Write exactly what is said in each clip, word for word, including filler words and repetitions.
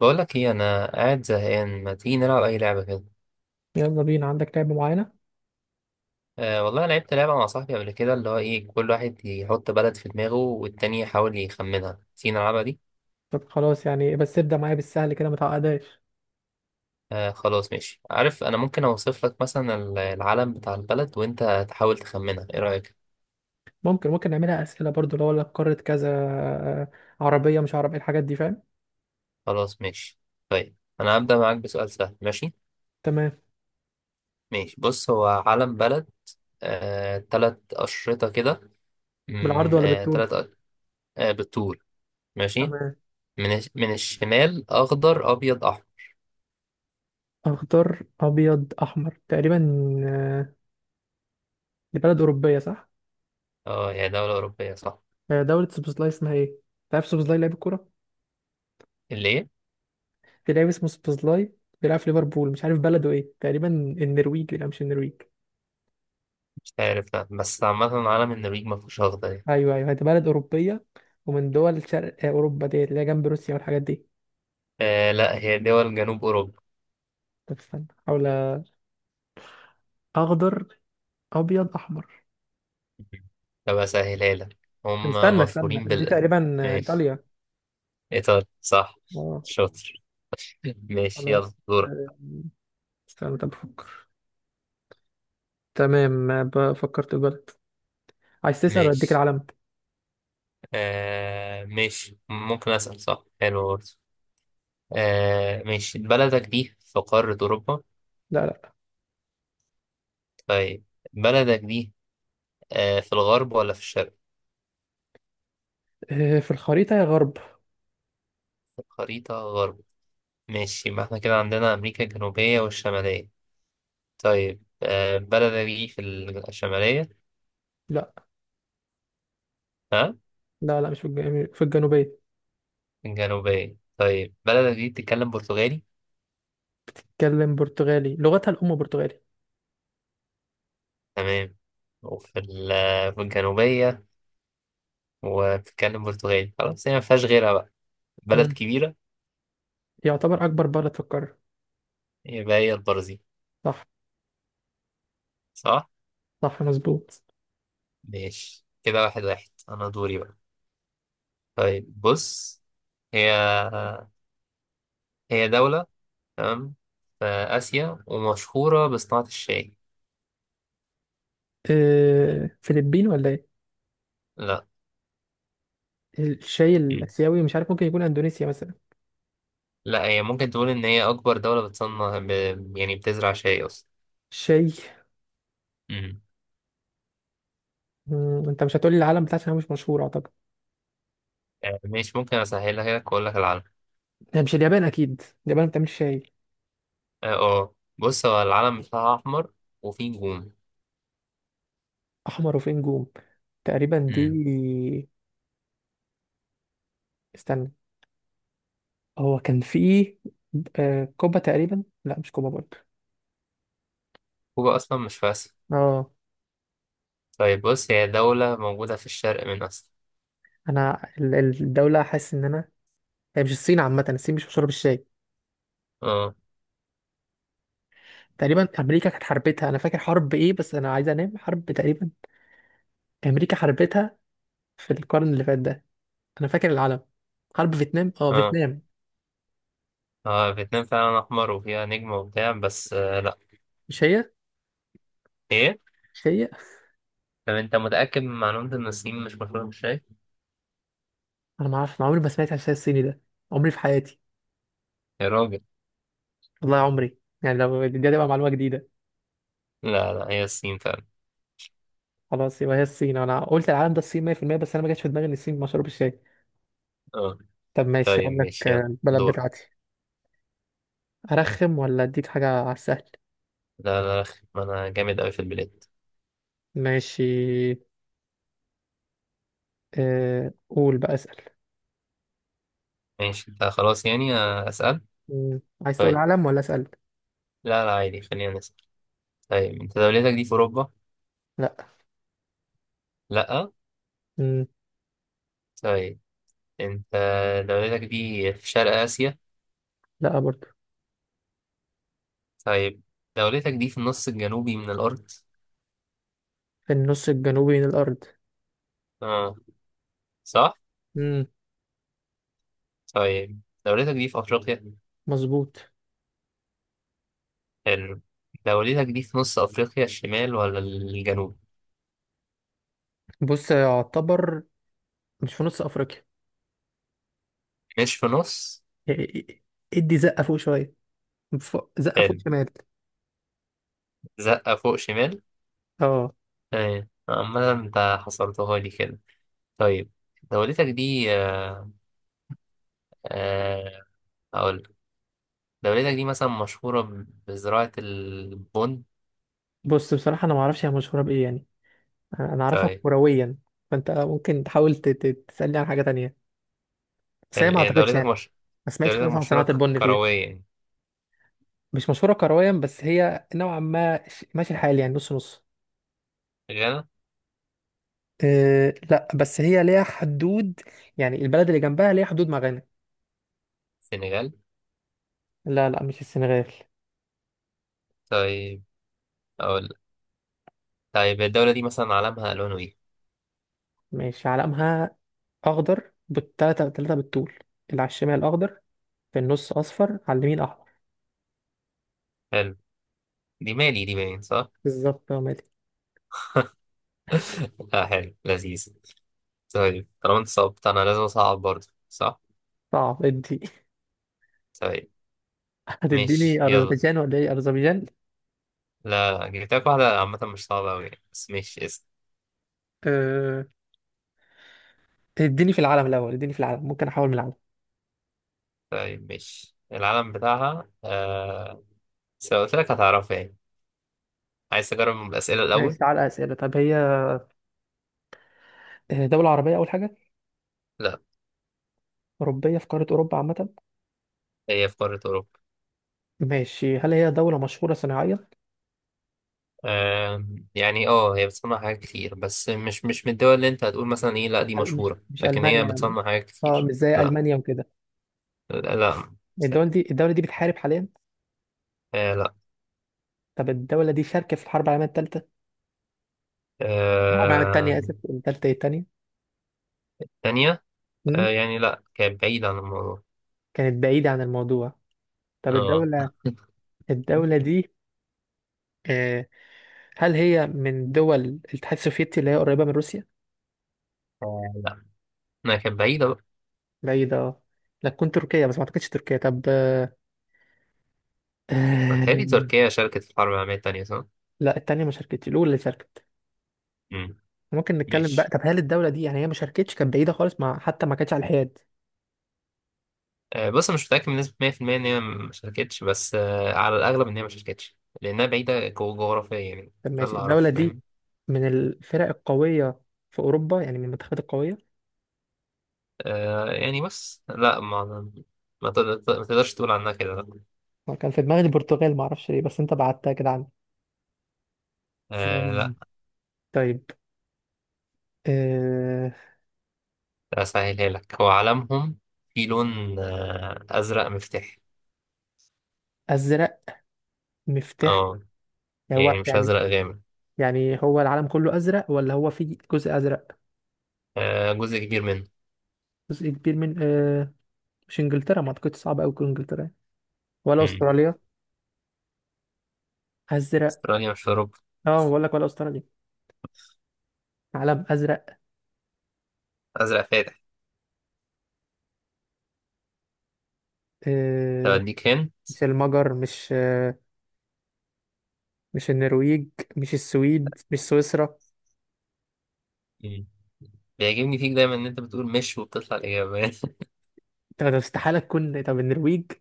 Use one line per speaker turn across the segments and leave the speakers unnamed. بقول لك ايه، انا قاعد زهقان، ما تيجي نلعب اي لعبه كده؟
يلا بينا. عندك لعبة معينة؟
أه والله، أنا لعبت لعبه مع صاحبي قبل كده، اللي هو ايه، كل واحد يحط بلد في دماغه والتاني يحاول يخمنها. تيجي نلعبها دي؟
طب خلاص يعني، بس ابدأ معايا بالسهل كده، ما تعقدهاش.
أه خلاص ماشي، عارف انا ممكن اوصف لك مثلا ال- العلم بتاع البلد وانت تحاول تخمنها، ايه رايك؟
ممكن ممكن نعملها أسئلة برضو؟ لو اقول لك قارة كذا، آه، عربية مش عربية، الحاجات دي فاهم؟
خلاص ماشي. طيب انا هبدا معاك بسؤال سهل، ماشي.
تمام.
ماشي، بص، هو علم بلد. أه، تلات اشرطه كده.
بالعرض
مم،
ولا
أه
بالطول؟
تلات أ-. أه، بالطول. ماشي.
تمام.
من الش- من الشمال اخضر ابيض احمر.
أخضر أبيض أحمر تقريبا. آه، دي بلد أوروبية صح؟
اه، هي دولة أوروبية صح.
آه، دولة سوبوزلاي، اسمها إيه؟ تعرف سوبوزلاي لاعب الكورة؟
اللي إيه؟
في لاعب اسمه سوبوزلاي، بيلعب في ليفربول. مش عارف بلده إيه، تقريبا النرويج، لا مش النرويج.
مش عارف، لا، بس عامة عالم النرويج ما فيهوش أخضر يعني.
أيوه أيوه، دي بلد أوروبية. ومن دول شرق آه، أوروبا ديت، اللي هي جنب روسيا والحاجات دي.
آه لا، هي دول جنوب أوروبا.
طب استنى، حاول. اخضر ابيض احمر.
طب أسهلها لك.
طب
هم.
استنى استنى،
مشهورين
دي
بال.
تقريبا
ماشي.
ايطاليا.
إيطاليا صح.
اه
شاطر. ماشي، يلا
خلاص.
دورك.
آه، استنى طب بفكر. تمام، ب- فكرت في البلد. عايز تسأل ولا اديك
ماشي.
العلم؟
آه ماشي، ممكن أسأل صح، حلو برضه. آه ماشي، بلدك دي في قارة أوروبا؟
لا لا.
طيب. بلدك دي. آه، في الغرب ولا في الشرق؟
آه، في الخريطة يا غرب.
في الخريطة غرب. ماشي، يبقى احنا كده عندنا أمريكا الجنوبية والشمالية. طيب آه، بلدك دي في. الشمالية.
لا
ها؟
لا لا مش في الجنوب، في الجنوبية.
الجنوبية، طيب بلدك دي بتتكلم برتغالي؟
تتكلم برتغالي، لغتها الأم برتغالي.
تمام. وفي ال- في الجنوبية. وبتتكلم برتغالي، خلاص هي مفيهاش غيرها بقى. بلد
مم.
كبيرة.
يعتبر أكبر بلد في القارة.
يبقى هي البرازيل.
صح.
صح؟
صح مظبوط.
ماشي كده، واحد واحد، أنا دوري بقى. طيب بص. هي. هي دولة. تمام. في آسيا ومشهورة بصناعة الشاي.
آه، فلبين ولا إيه؟
لا.
الشاي الآسيوي مش عارف، ممكن يكون أندونيسيا مثلا.
لا، هي ممكن تقول ان هي اكبر دولة بتصنع ب. يعني بتزرع شاي اصلا.
شاي.
امم.
مم، انت مش هتقولي العالم بتاعتنا مش مشهور اعتقد.
آه، مش ممكن اسهلها لك واقول لك العلم.
هي مش اليابان اكيد؟ اليابان بتعمل شاي.
اه، آه. بص، هو العلم بتاعها احمر. وفيه نجوم.
احمر وفيه نجوم، تقريبا دي.
امم.
استنى. هو كان في، آه، كوبا تقريبا. لا مش كوبا برضه.
كوبا اصلا مش في اسيا.
اه،
طيب بص، هي دولة موجودة في الشرق من اسيا.
انا ال- ال- الدوله، حاسس ان انا. هي مش الصين؟ عامه الصين مش مشهوره بالشاي.
اه.
تقريبا امريكا كانت حربتها، انا فاكر حرب ايه، بس انا عايز انام. حرب تقريبا امريكا حربتها في القرن اللي فات ده. انا فاكر العالم. حرب فيتنام، اه
اه.
فيتنام.
اه، فيتنام فعلا احمر وفيها نجم وبتاع، بس آه لا.
مش هي،
ايه؟
مش هي.
طب انت متأكد من معلومة ان الصين مش مشهورة بالشاي؟
انا ما اعرفش، عمري ما سمعت عن الشاي الصيني ده عمري في حياتي،
يا راجل.
والله عمري. يعني لو دي هتبقى معلومه جديده.
لا لا، هي الصين فعلا.
خلاص يبقى هي الصين، انا قلت العالم ده الصين مية في المية، بس انا ما جاتش في دماغي ان الصين مشروب الشاي.
اه.
طب ماشي، اقول
طيب
لك
ماشي،
آه،
يلا
البلد
دور.
بتاعتي. ارخم ولا اديك حاجه على السهل؟
لا لا أخي، ما انا جامد اوي في البلاد.
ماشي. أه قول بقى، اسال.
ماشي آه خلاص يعني، آه، أسأل.
مم. عايز تقول
طيب.
عالم ولا اسال؟
لا لا، عادي خلينا نسأل. طيب أنت دولتك دي في أوروبا؟
لا.
لأ.
مم.
طيب. أنت. دولتك دي في شرق آسيا؟
لا برضه.
طيب. دولتك دي في النص الجنوبي من الأرض؟
في النص الجنوبي من الارض.
آه. صح؟
مم.
طيب دولتك دي في أفريقيا؟
مظبوط.
حلو. دولتك دي في نص أفريقيا الشمال ولا الجنوب؟
بص، يعتبر. مش في نص افريقيا.
مش في نص؟
إيه- إيه- إيه. ادي زقه فوق شويه. فوق- زقه فوق
حلو.
شمال.
زقة فوق شمال؟
اه.
طيب، عمال أنت حصرتها لي كده. طيب. دولتك دي آه آه، هقول دولتك دي مثلا مشهورة ب- بزراعة البن.
بص بصراحة أنا معرفش هي مشهورة بإيه يعني، أنا أنا أعرفها
طيب.
كرويا. فأنت ممكن تحاول ت- ت- تسألني عن حاجة تانية، بس هي
حلو.
ما
يعني
أعتقدش
دولتك
يعني.
مش.
ما سمعتش
دولتك
خالص عن
مشهورة
صناعة
ك-
البن فيها.
كروية يعني.
مش مشهورة كرويا، بس هي نوعا ما ش- ماشي الحال يعني، نص نص.
غانا.
أه لا، بس هي ليها حدود، يعني البلد اللي جنبها ليها حدود مع غانا.
سنغال.
لا لا، مش السنغال.
طيب. أقول. طيب الدولة دي مثلا علمها ألوانه إيه؟
ماشي، علمها أخضر بالتلاتة، تلاتة بالطول، اللي على الشمال أخضر، في النص أصفر، على اليمين أحمر.
حلو. دي مالي دي، باين صح؟
بالظبط يا مالك.
لا، حلو لذيذ. طيب، طالما أنت صعبت أنا لازم أصعب برضه صح؟
صعب ادي.
طيب. ماشي
هتديني
يلا.
أذربيجان ولا إيه؟ أذربيجان.
لا لا، جبت لك واحدة عامة مش صعبة أوي يعني، بس ماشي اسم.
أه... اديني في العالم الأول، اديني في العالم ممكن أحاول من العالم.
طيب ماشي، العلم بتاعها آه... بس لو قلت لك هتعرفها يعني. عايز تجرب الأسئلة
ماشي،
الأول؟
تعالى أسئلة. طب هي آه، دولة عربية أول حاجة؟
لا.
أوروبية، في قارة أوروبا عامة.
هي في قارة أوروبا.
ماشي، هل هي دولة مشهورة صناعيا؟
آم، يعني اه هي بتصنع حاجات كتير، بس مش مش من الدول اللي انت هتقول مثلا ايه لا دي
هل مش
مشهورة،
مش
لكن هي
ألمانيا؟
بتصنع حاجات
اه
كتير،
مش زي
لا.
ألمانيا وكده.
لا لا.
الدولة دي الدولة دي بتحارب حاليا؟
آه لا.
طب الدولة دي شاركة في الحرب العالمية الثالثة؟ الحرب العالمية
آه.
الثانية آسف، الثالثة إيه، الثانية.
تانية.
مم؟
آه يعني لا، كانت بعيدة عن الموضوع.
كانت بعيدة عن الموضوع. طب
اه.
الدولة، الدولة دي، آه، هل هي من دول الاتحاد السوفيتي اللي هي قريبة من روسيا؟
آه، لا ما كانت بعيدة بقى.
بعيدة اه. لا تكون تركيا؟ بس ما اعتقدش تركيا. طب آه،
متهيألي
آم،
تركيا شاركت في الحرب العالمية التانية صح؟
لا التانية ما شاركتش، الأولى اللي شاركت.
مم.
ممكن نتكلم بقى؟
ماشي،
طب هل الدولة دي يعني هي ما شاركتش، كانت بعيدة خالص، مع حتى ما كانتش على الحياد؟
آه بص أنا مش متأكد بنسبة مية في المية إن هي ما شاركتش، بس آه على الأغلب إن هي ما شاركتش. لأنها بعيدة جو- جغرافيا يعني.
طب
ده
ماشي،
اللي
الدولة
أعرفه
دي
فاهم.
من الفرق القوية في أوروبا يعني، من المنتخبات القوية؟
آه يعني بس لا ما. ما تقدر- ما تقدرش تقول عنها كده، لا.
أنا كان في دماغي البرتغال، ما اعرفش ليه، بس أنت بعتها كده عني.
آه
آم،
لا،
طيب، آه،
اسهلها لك، هو علمهم. في لون آه ازرق مفتاحي.
أزرق مفتاح؟
اه.
يعني هو
يعني مش
يعني،
ازرق غامق.
يعني هو العالم كله أزرق ولا هو في جزء أزرق؟
آه، جزء كبير منه.
جزء كبير من آه، مش انجلترا؟ ما اعتقدش صعب قوي تكون انجلترا يعني. ولا
مم.
استراليا؟ ازرق.
استراليا مش في اوروبا.
اه بقول لك، ولا استراليا؟ علم ازرق.
ازرق فاتح. طب
آه.
اديك هن.
مش المجر، مش آه مش النرويج، مش السويد، مش سويسرا.
مم. بيعجبني فيك دايما ان انت بتقول مش وبتطلع الاجابه.
طب طب استحاله تكون، طب النرويج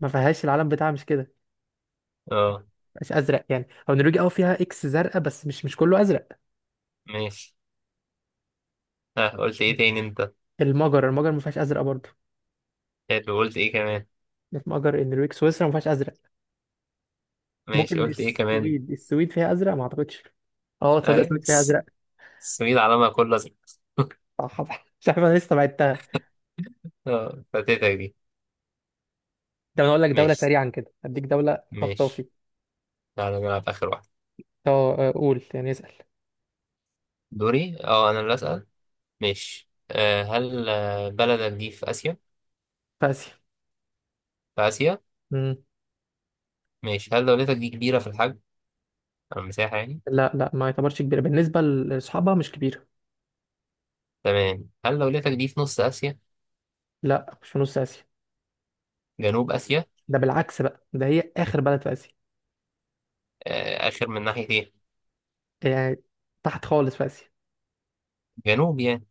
ما فيهاش، العلم بتاعها مش كده،
اه.
مش ازرق يعني. او النرويج اه فيها اكس زرقاء، بس مش، مش كله ازرق.
ماشي. ها، قلت ايه تاني انت؟
المجر، المجر ما فيهاش ازرق برضه.
حلو، قلت ايه كمان؟
المجر النرويج سويسرا ما فيهاش ازرق.
ماشي،
ممكن
قلت ايه كمان؟
السويد، السويد فيها ازرق ما اعتقدش. اه تصدق
ايوه،
السويد فيها
الس-
ازرق.
السويد علمها كله ازرق.
صح صح. مش عارف انا لسه بعدتها.
اه، فاتتك دي.
ده انا اقول لك دولة
ماشي.
سريعا كده، اديك دولة خطافي.
ماشي. تعالى نلعب آخر واحد.
اه آه، قول يعني، اسأل.
دوري، اه أنا اللي أسأل. ماشي، آه هل آه، بلدك دي في آسيا؟
في اسيا.
في آسيا؟
مم.
ماشي، هل دولتك دي كبيرة في الحجم؟ أو المساحة يعني؟
لا لا، ما يعتبرش كبيرة، بالنسبة لاصحابها مش كبيرة.
تمام، هل دولتك دي في نص آسيا؟
لا مش في نص اسيا.
جنوب آسيا؟
ده بالعكس بقى، ده هي اخر بلد في اسيا.
آه، آخر من ناحية إيه؟
يعني تحت خالص في اسيا.
جنوب يعني.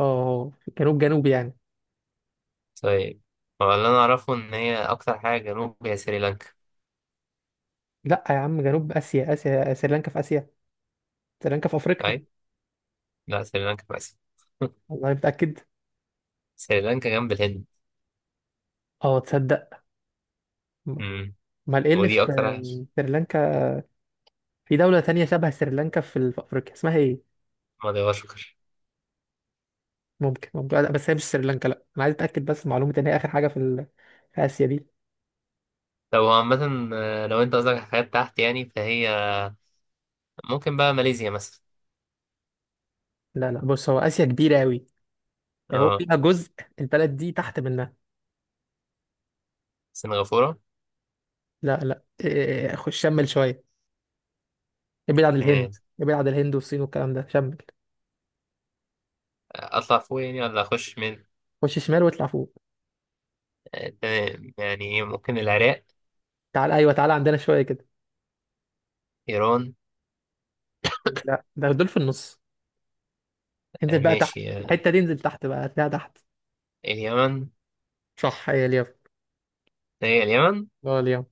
اه في جنوب، جنوب يعني.
طيب. هو اللي أنا أعرفه إن هي أكتر حاجة جنوب هي سريلانكا.
لا يا عم، جنوب اسيا، اسيا سريلانكا في اسيا، سريلانكا في افريقيا.
طيب؟ لا، سريلانكا في آسيا.
والله متأكد.
سريلانكا جنب الهند.
اه تصدق.
مم.
امال ايه اللي
ودي
في
أكتر حاجة.
سريلانكا؟ في دولة تانية شبه سريلانكا في في افريقيا، اسمها ايه؟
مدغشقر.
ممكن ممكن، لا بس هي مش سريلانكا، لا انا عايز اتاكد بس من معلومه ان هي اخر حاجه في ال... في اسيا دي.
طب هو عامة، آه، لو أنت قصدك على حاجات تحت يعني، فهي. ممكن بقى ماليزيا مثلا.
لا لا، بص هو اسيا كبيره قوي، هو
اه.
فيها جزء، البلد دي تحت منها.
سنغافورة.
لا لا، إيه، خش شمل شويه، ابعد عن الهند.
شمال.
ابعد عن الهند والصين والكلام ده، شمل.
اطلع فوق يعني ولا اخش من.
خش شمال واطلع فوق.
آه، تمام يعني إيه، ممكن العراق.
تعال ايوه، تعال عندنا شويه كده.
ايران.
لا ده دول في النص،
آه،
انزل بقى تحت.
ماشي آه،
الحته دي انزل تحت بقى، هتلاقيها تحت.
اليمن.
صح هي اليمن.
هي اليمن.
اه اليمن.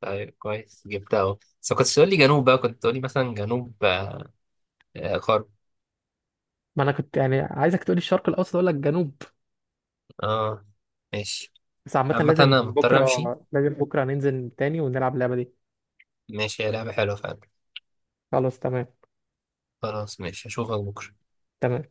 طيب، كويس جبتها اهو. بس ما كنتش تقول لي جنوب بقى، كنت تقول لي مثلا جنوب آه، آه، غرب.
ما انا كنت يعني عايزك تقولي الشرق الاوسط، اقول لك جنوب.
اه. ماشي.
بس عامه
عامة
لازم
انا مضطر
بكره،
امشي.
لازم بكره ننزل تاني ونلعب اللعبه دي.
ماشي، يا لعبة حلوة فعلا.
خلاص تمام.
خلاص ماشي، اشوفك بكرة.
تمام.